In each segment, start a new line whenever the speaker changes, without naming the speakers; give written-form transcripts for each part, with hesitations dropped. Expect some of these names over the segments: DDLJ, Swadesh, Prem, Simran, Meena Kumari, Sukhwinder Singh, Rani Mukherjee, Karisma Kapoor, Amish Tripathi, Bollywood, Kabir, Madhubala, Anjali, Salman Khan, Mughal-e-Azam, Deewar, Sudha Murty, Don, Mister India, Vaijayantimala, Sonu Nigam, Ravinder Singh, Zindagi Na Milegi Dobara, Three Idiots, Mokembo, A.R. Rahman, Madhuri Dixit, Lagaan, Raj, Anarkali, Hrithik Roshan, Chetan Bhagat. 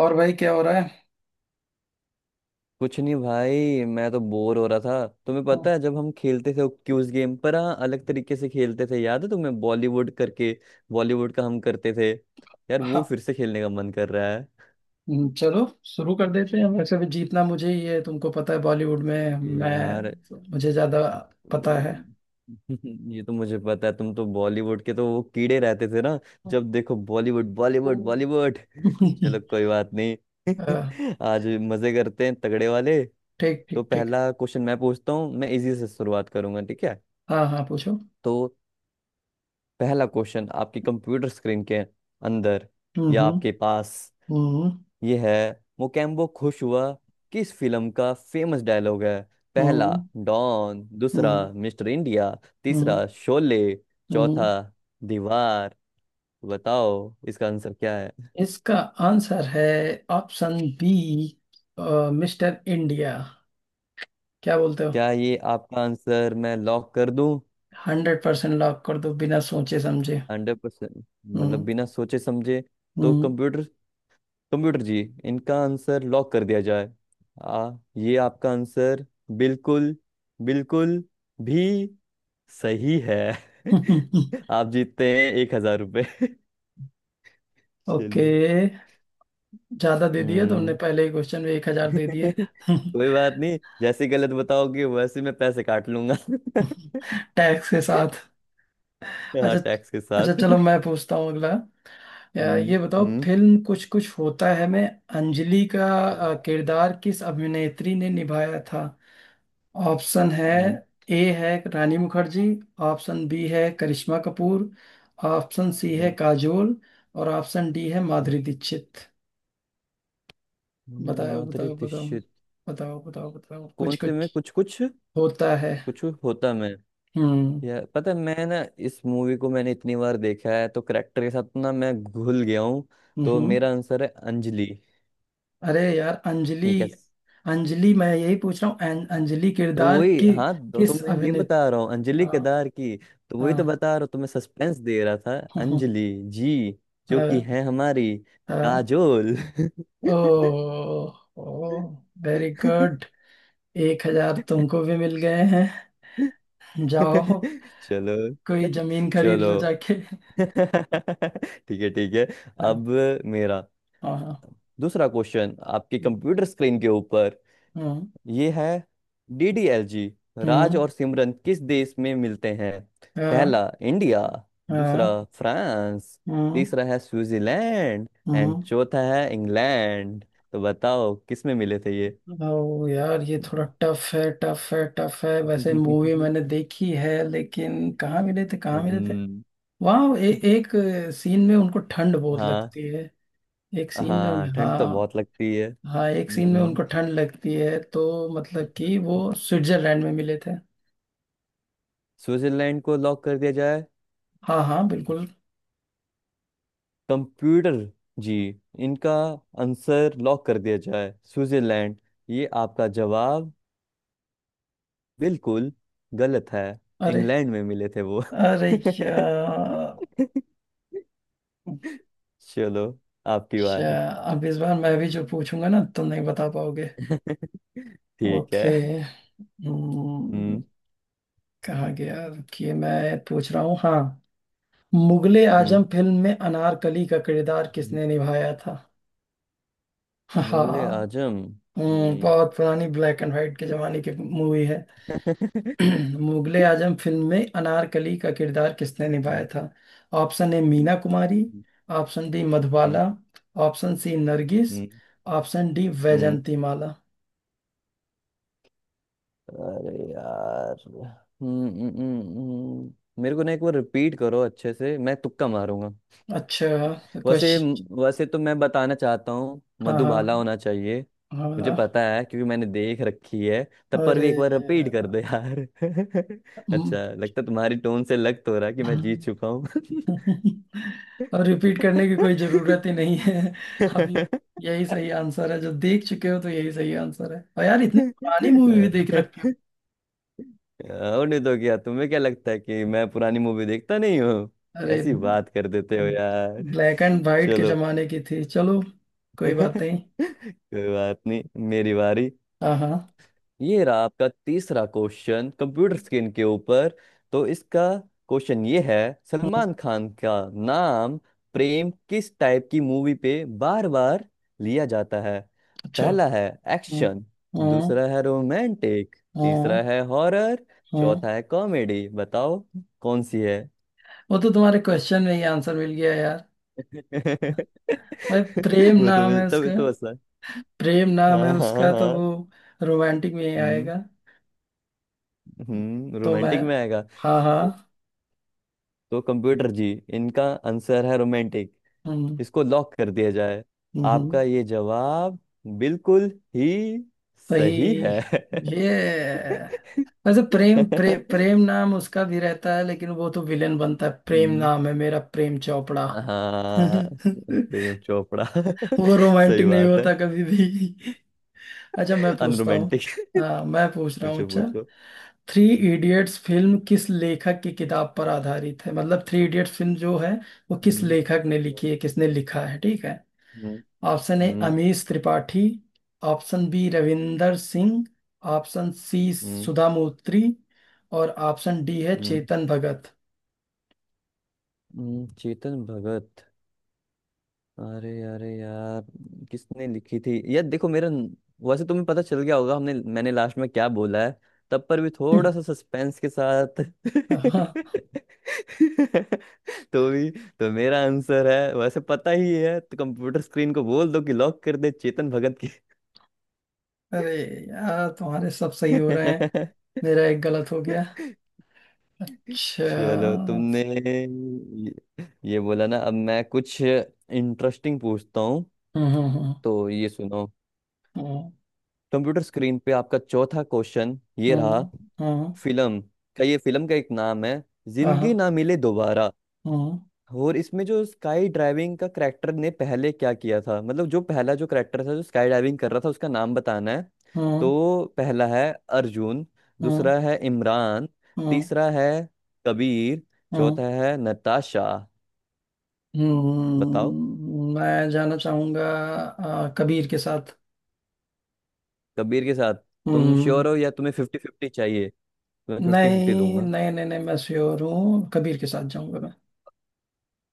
और भाई, क्या हो रहा है?
कुछ नहीं भाई। मैं तो बोर हो रहा था। तुम्हें पता है जब हम खेलते थे क्यूज गेम पर, हाँ, अलग तरीके से खेलते थे, याद है तुम्हें, बॉलीवुड करके। बॉलीवुड का हम करते थे। यार, वो
हाँ।
फिर से खेलने का मन कर रहा है।
चलो शुरू कर देते हैं, वैसे भी जीतना मुझे ही है। तुमको पता है बॉलीवुड में
यार,
मैं मुझे ज्यादा पता है।
ये ये तो मुझे पता है, तुम तो बॉलीवुड के तो वो कीड़े रहते थे ना। जब देखो, बॉलीवुड बॉलीवुड बॉलीवुड।
अ,
चलो कोई बात नहीं। आज मजे करते हैं तगड़े वाले।
ठीक
तो
ठीक ठीक।
पहला क्वेश्चन मैं पूछता हूँ, मैं इजी से शुरुआत करूंगा, ठीक है।
हाँ हाँ, पूछो।
तो पहला क्वेश्चन, आपकी कंप्यूटर स्क्रीन के अंदर
हम्म।
या
हम्म।
आपके पास
हम्म।
ये है। मोकेम्बो खुश हुआ किस फिल्म का फेमस डायलॉग है? पहला
हम्म।
डॉन, दूसरा मिस्टर इंडिया,
हम्म।
तीसरा शोले,
हम्म।
चौथा दीवार। बताओ इसका आंसर क्या है।
इसका आंसर है ऑप्शन बी, मिस्टर इंडिया। क्या बोलते हो?
क्या ये आपका आंसर मैं लॉक कर दूं?
100% लॉक कर दो, बिना सोचे समझे।
100%? मतलब
हम्म।
बिना सोचे समझे। तो कंप्यूटर, जी, इनका आंसर लॉक कर दिया जाए। आ, ये आपका आंसर बिल्कुल, बिल्कुल भी सही है।
हम्म।
आप जीतते हैं 1,000 रुपये।
ओके।
चलिए।
ज्यादा दे दिया तुमने,
हम्म।
पहले ही क्वेश्चन में 1,000 दे दिए।
कोई बात नहीं, जैसे गलत बताओगे वैसे मैं पैसे काट लूंगा।
टैक्स के साथ।
हाँ,
अच्छा।
टैक्स के
अच्छा
साथ।
चलो मैं पूछता हूँ अगला। अ,
हम्म
ये बताओ,
हम्म
फिल्म कुछ कुछ होता है में अंजलि का किरदार किस अभिनेत्री ने निभाया था? ऑप्शन है
हम्म
ए है रानी मुखर्जी, ऑप्शन बी है करिश्मा कपूर, ऑप्शन सी है
हम्म,
काजोल, और ऑप्शन डी है
हम्म,
माधुरी दीक्षित। बताओ
माधुरी
बताओ बताओ।
दीक्षित।
बताओ बताओ बताओ कुछ
कौन से में
कुछ
कुछ कुछ?
होता है।
होता मैं।
हम्म।
यार पता है, मैं ना, इस मूवी को मैंने इतनी बार देखा है तो करेक्टर के साथ ना मैं घुल गया हूँ। तो
हम्म।
मेरा आंसर है अंजलि।
अरे यार, अंजलि।
ये क्या?
अंजलि, मैं यही पूछ रहा हूँ, अंजलि
तो
किरदार
वही,
की
हाँ, तो
किस
मैं ये
अभिनेत—
बता रहा हूँ, अंजलि
हाँ
केदार की। तो वही तो
हाँ।
बता रहा हूँ, तो मैं सस्पेंस दे रहा था।
हम्म,
अंजलि जी, जो कि
हाँ
है हमारी
हाँ।
काजोल।
ओ, ओ, वेरी गुड। 1,000 तुमको भी मिल गए हैं। जाओ
चलो।
कोई जमीन खरीद
चलो।
लो जाके।
ठीक है, ठीक है।
हाँ
अब मेरा
हाँ हाँ।
दूसरा क्वेश्चन आपके कंप्यूटर स्क्रीन के ऊपर
हम्म।
ये है। डीडीएलजी, राज
हम्म।
और सिमरन किस देश में मिलते हैं?
हाँ
पहला इंडिया, दूसरा
हाँ।
फ्रांस,
हम्म।
तीसरा है स्विट्जरलैंड, एंड
हम्म।
चौथा है इंग्लैंड। तो बताओ किस में मिले थे ये।
ओ यार, ये थोड़ा टफ है, टफ है, टफ है। वैसे मूवी मैंने देखी है लेकिन कहाँ मिले थे, कहाँ मिले थे।
हम्म।
वहाँ एक सीन में उनको ठंड बहुत
हाँ।
लगती है। एक सीन में,
हाँ, ठंड तो
हाँ।
बहुत लगती है।
हाँ, एक सीन में
हम्म,
उनको ठंड लगती है, तो मतलब कि वो स्विट्जरलैंड में मिले थे।
स्विट्जरलैंड को लॉक कर दिया जाए।
हाँ हाँ, बिल्कुल।
कंप्यूटर जी, इनका आंसर लॉक कर दिया जाए, स्विट्जरलैंड। ये आपका जवाब बिल्कुल गलत है।
अरे।
इंग्लैंड में मिले थे वो।
अरे यार।
चलो, आपकी
अच्छा,
बारी।
अब इस बार मैं भी जो पूछूंगा ना तुम नहीं बता पाओगे।
ठीक
ओके।
है।
हम्म,
हम्म।
कहाँ गया? रुकिए, मैं पूछ रहा हूँ। हाँ। मुगले आजम
हम्म
फिल्म में अनारकली का किरदार
हम्म,
किसने निभाया था?
मुगले
हाँ।
आजम। हम्म।
बहुत पुरानी ब्लैक एंड व्हाइट के जमाने की मूवी है। मुगले आजम फिल्म में अनारकली का किरदार किसने निभाया
हम्म,
था? Option A Meena Kumari, option D
हम्म,
मधुबाला, ऑप्शन सी नरगिस,
हम्म,
ऑप्शन डी
हम्म।
वैजंती माला।
अरे यार, मेरे को ना एक बार रिपीट करो अच्छे से, मैं तुक्का मारूंगा।
अच्छा
वैसे
क्वेश्चन।
वैसे तो मैं बताना चाहता हूँ
हाँ हाँ
मधुबाला होना चाहिए। मुझे
हाँ।
पता है क्योंकि मैंने देख रखी है। तब पर भी
अरे।
एक बार रिपीट कर दो यार। अच्छा लगता है, तुम्हारी टोन से लग तो रहा है कि मैं जीत चुका
हम्म,
हूँ।
और रिपीट करने की कोई जरूरत ही नहीं है अभी। यही सही आंसर है, जो देख चुके हो तो यही सही आंसर है। और यार, इतनी पुरानी मूवी भी देख रखी हो।
और नहीं तो क्या, तुम्हें क्या लगता है कि मैं पुरानी मूवी देखता नहीं हूँ?
अरे,
कैसी बात कर देते हो यार।
ब्लैक एंड वाइट के
चलो।
जमाने की थी। चलो कोई बात नहीं।
कोई बात नहीं। मेरी बारी।
हाँ हाँ।
ये रहा आपका तीसरा क्वेश्चन, कंप्यूटर स्क्रीन के ऊपर। तो इसका क्वेश्चन ये है,
हाँ,
सलमान खान का नाम प्रेम किस टाइप की मूवी पे बार बार लिया जाता है?
अच्छा।
पहला है
हाँ
एक्शन,
हाँ
दूसरा है रोमांटिक, तीसरा
हाँ
है हॉरर,
हाँ।
चौथा है कॉमेडी। बताओ कौन सी है।
वो तो तुम्हारे क्वेश्चन में ही आंसर मिल गया यार। भाई, प्रेम
वो
नाम
तुम्हें
है
तभी
उसका।
तो आसान।
प्रेम नाम है
हाँ हाँ हाँ
उसका, तो
हाँ।
वो रोमांटिक में ही
हम्म।
आएगा।
हम्म,
तो मैं—
रोमांटिक में आएगा।
हाँ हाँ।
तो कंप्यूटर जी, इनका आंसर है रोमांटिक।
हम्म।
इसको लॉक कर दिया जाए।
हम्म,
आपका ये जवाब बिल्कुल ही सही
सही।
है।
ये— वैसे प्रेम नाम उसका भी रहता है, लेकिन वो तो विलेन बनता है। प्रेम
हम्म,
नाम है मेरा, प्रेम चोपड़ा।
हाँ, प्रेम चोपड़ा।
वो
सही
रोमांटिक नहीं
बात है।
होता कभी भी। अच्छा, मैं पूछता हूँ।
अनरोमांटिक।
हाँ मैं पूछ रहा हूँ।
पूछो
अच्छा।
पूछो।
थ्री इडियट्स फिल्म किस लेखक की किताब पर आधारित है? मतलब थ्री इडियट्स फिल्म जो है वो किस
हम्म, हम्म,
लेखक ने लिखी है, किसने लिखा है, ठीक है?
हम्म,
ऑप्शन ए
हम्म,
Amish Tripathi, option B Ravinder Singh, option C
हम्म,
सुधा मूर्ति, और ऑप्शन डी है
हम्म,
चेतन भगत।
चेतन भगत। अरे, यार, किसने लिखी थी यार। देखो मेरा वैसे तुम्हें पता चल गया होगा, हमने मैंने लास्ट में क्या बोला है। तब पर भी थोड़ा सा सस्पेंस के साथ।
हाँ।
तो भी, तो मेरा आंसर है, वैसे पता ही है, तो कंप्यूटर स्क्रीन को बोल दो कि लॉक कर दे चेतन भगत की।
अरे यार, तुम्हारे सब सही हो रहे हैं। मेरा एक गलत हो गया। अच्छा।
चलो, तुमने ये बोला ना, अब मैं कुछ इंटरेस्टिंग पूछता हूँ।
हम्म।
तो ये सुनो।
हम्म
कंप्यूटर स्क्रीन पे आपका चौथा क्वेश्चन ये
हम्म।
रहा।
हम्म हम्म,
फिल्म का ये फिल्म का एक नाम है,
हाँ, हाँ,
जिंदगी ना मिले दोबारा।
हम्म
और इसमें जो स्काई ड्राइविंग का करेक्टर ने पहले क्या किया था, मतलब जो पहला जो करेक्टर था जो स्काई ड्राइविंग कर रहा था उसका नाम बताना है।
हम्म।
तो पहला है अर्जुन,
हम्म
दूसरा है इमरान,
हम्म।
तीसरा है कबीर,
हम्म,
चौथा है नताशा। बताओ।
हम्म। मैं जाना चाहूंगा कबीर के साथ।
कबीर के साथ? तुम
हम्म।
श्योर हो या तुम्हें 50-50 चाहिए? तुम्हें फिफ्टी फिफ्टी
नहीं
दूंगा।
नहीं नहीं नहीं, मैं श्योर हूँ, कबीर के साथ जाऊंगा मैं।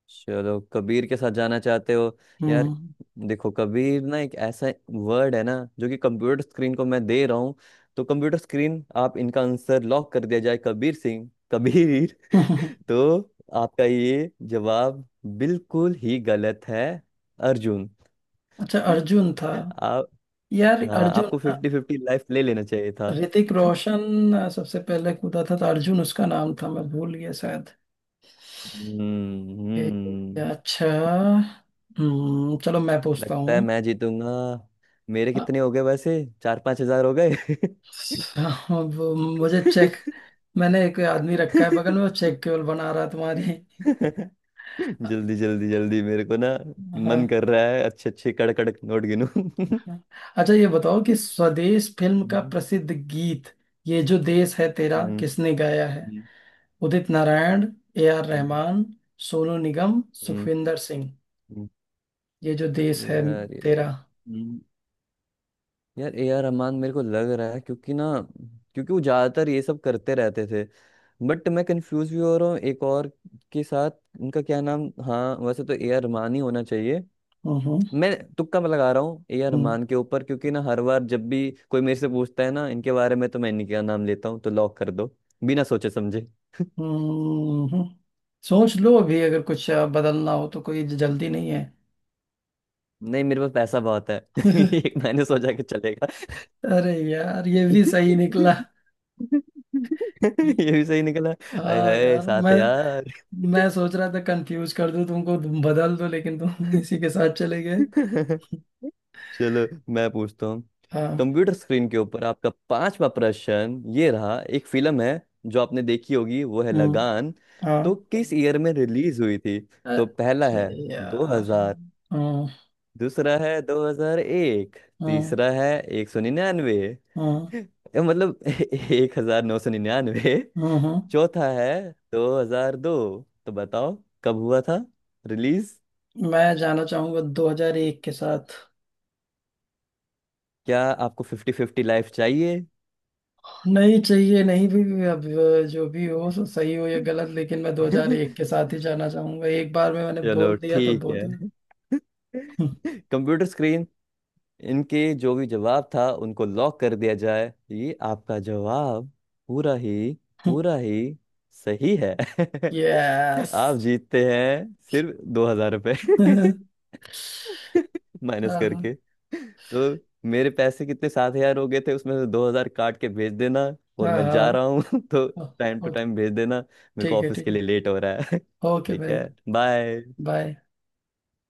चलो, कबीर के साथ जाना चाहते हो। यार
हम्म।
देखो, कबीर ना एक ऐसा वर्ड है ना जो कि कंप्यूटर स्क्रीन को मैं दे रहा हूँ। तो कंप्यूटर स्क्रीन, आप इनका आंसर लॉक कर दिया जाए, कबीर सिंह कबीर। तो आपका ये जवाब बिल्कुल ही गलत है। अर्जुन।
अच्छा, अर्जुन था।
आप,
यार,
हाँ,
अर्जुन।
आपको फिफ्टी फिफ्टी लाइफ ले लेना चाहिए था।
ऋतिक रोशन सबसे पहले कूदा था, तो अर्जुन उसका नाम था, मैं भूल गया शायद।
हम्म
ए,
हम्म,
अच्छा। हम्म, चलो मैं पूछता
लगता है
हूँ।
मैं जीतूंगा। मेरे
अ,
कितने हो गए वैसे, 4-5 हजार हो गए?
वो मुझे चेक— मैंने एक आदमी रखा है बगल में, वो चेक केवल बना रहा है तुम्हारी।
जल्दी जल्दी जल्दी, मेरे को ना
हाँ।
मन कर रहा है अच्छे अच्छे कड़क कड़क नोट गिनूं।
अच्छा, ये बताओ कि स्वदेश फिल्म का प्रसिद्ध गीत ये जो देश है तेरा
हम्म
किसने गाया है?
हम्म,
उदित नारायण, ए आर
हम्म,
रहमान, सोनू निगम,
हम्म,
सुखविंदर सिंह।
हम्म।
ये जो देश है
यार ये
तेरा।
यार, A R रहमान मेरे को लग रहा है, क्योंकि ना, क्योंकि वो ज्यादातर ये सब करते रहते थे। बट मैं कंफ्यूज भी हो रहा हूँ एक और के साथ, उनका क्या नाम, हाँ, वैसे तो ए आर रहमान ही होना चाहिए।
हम्म।
मैं तुक्का लगा रहा हूँ ए आर
हम्म
रहमान के ऊपर, क्योंकि ना हर बार जब भी कोई मेरे से पूछता है ना इनके बारे में तो मैं इन्हीं का नाम लेता हूँ, तो लॉक कर दो बिना सोचे समझे।
हम्म। सोच लो, अभी अगर कुछ बदलना हो तो कोई जल्दी नहीं है।
नहीं, मेरे पास पैसा बहुत है। एक मैंने सोचा कि चलेगा।
अरे यार, ये भी सही निकला।
ये भी सही निकला। अरे
हाँ
हाय,
यार,
साथ है यार।
मैं सोच रहा था कंफ्यूज कर दूं तुमको तुम बदल दो, लेकिन तुम इसी के साथ चले गए।
चलो मैं पूछता हूँ।
हाँ।
कंप्यूटर स्क्रीन के ऊपर आपका पांचवा प्रश्न ये रहा। एक फिल्म है जो आपने देखी होगी, वो है
हम्म।
लगान। तो
हाँ।
किस ईयर में रिलीज हुई थी? तो पहला
अरे
है
यार।
2000,
हम्म
दूसरा है 2001,
हम्म
तीसरा है 199,
हम्म
ये मतलब 1999,
हम्म।
चौथा है 2002। तो बताओ कब हुआ था रिलीज।
मैं जाना चाहूंगा 2001 के साथ।
क्या आपको फिफ्टी फिफ्टी लाइफ चाहिए?
नहीं चाहिए नहीं, अब जो भी हो सो, सही हो या गलत, लेकिन मैं 2001 के साथ ही जाना चाहूंगा, एक बार में मैंने बोल
चलो
दिया तो
ठीक
बोल
है।
दिया।
कंप्यूटर स्क्रीन, इनके जो भी जवाब था उनको लॉक कर दिया जाए। ये आपका जवाब पूरा ही, पूरा ही सही है।
यस।
आप जीतते हैं सिर्फ 2,000 रुपये।
हाँ
माइनस
हाँ
करके। तो मेरे पैसे कितने, 7,000 हो गए थे, उसमें से 2,000 काट के भेज देना। और
हाँ
मैं जा
हाँ,
रहा हूँ। तो टाइम टू
ओके
टाइम भेज देना, मेरे को
ठीक है
ऑफिस
ठीक
के लिए
है।
लेट हो रहा है।
ओके
ठीक
भाई।
है। बाय।
बाय।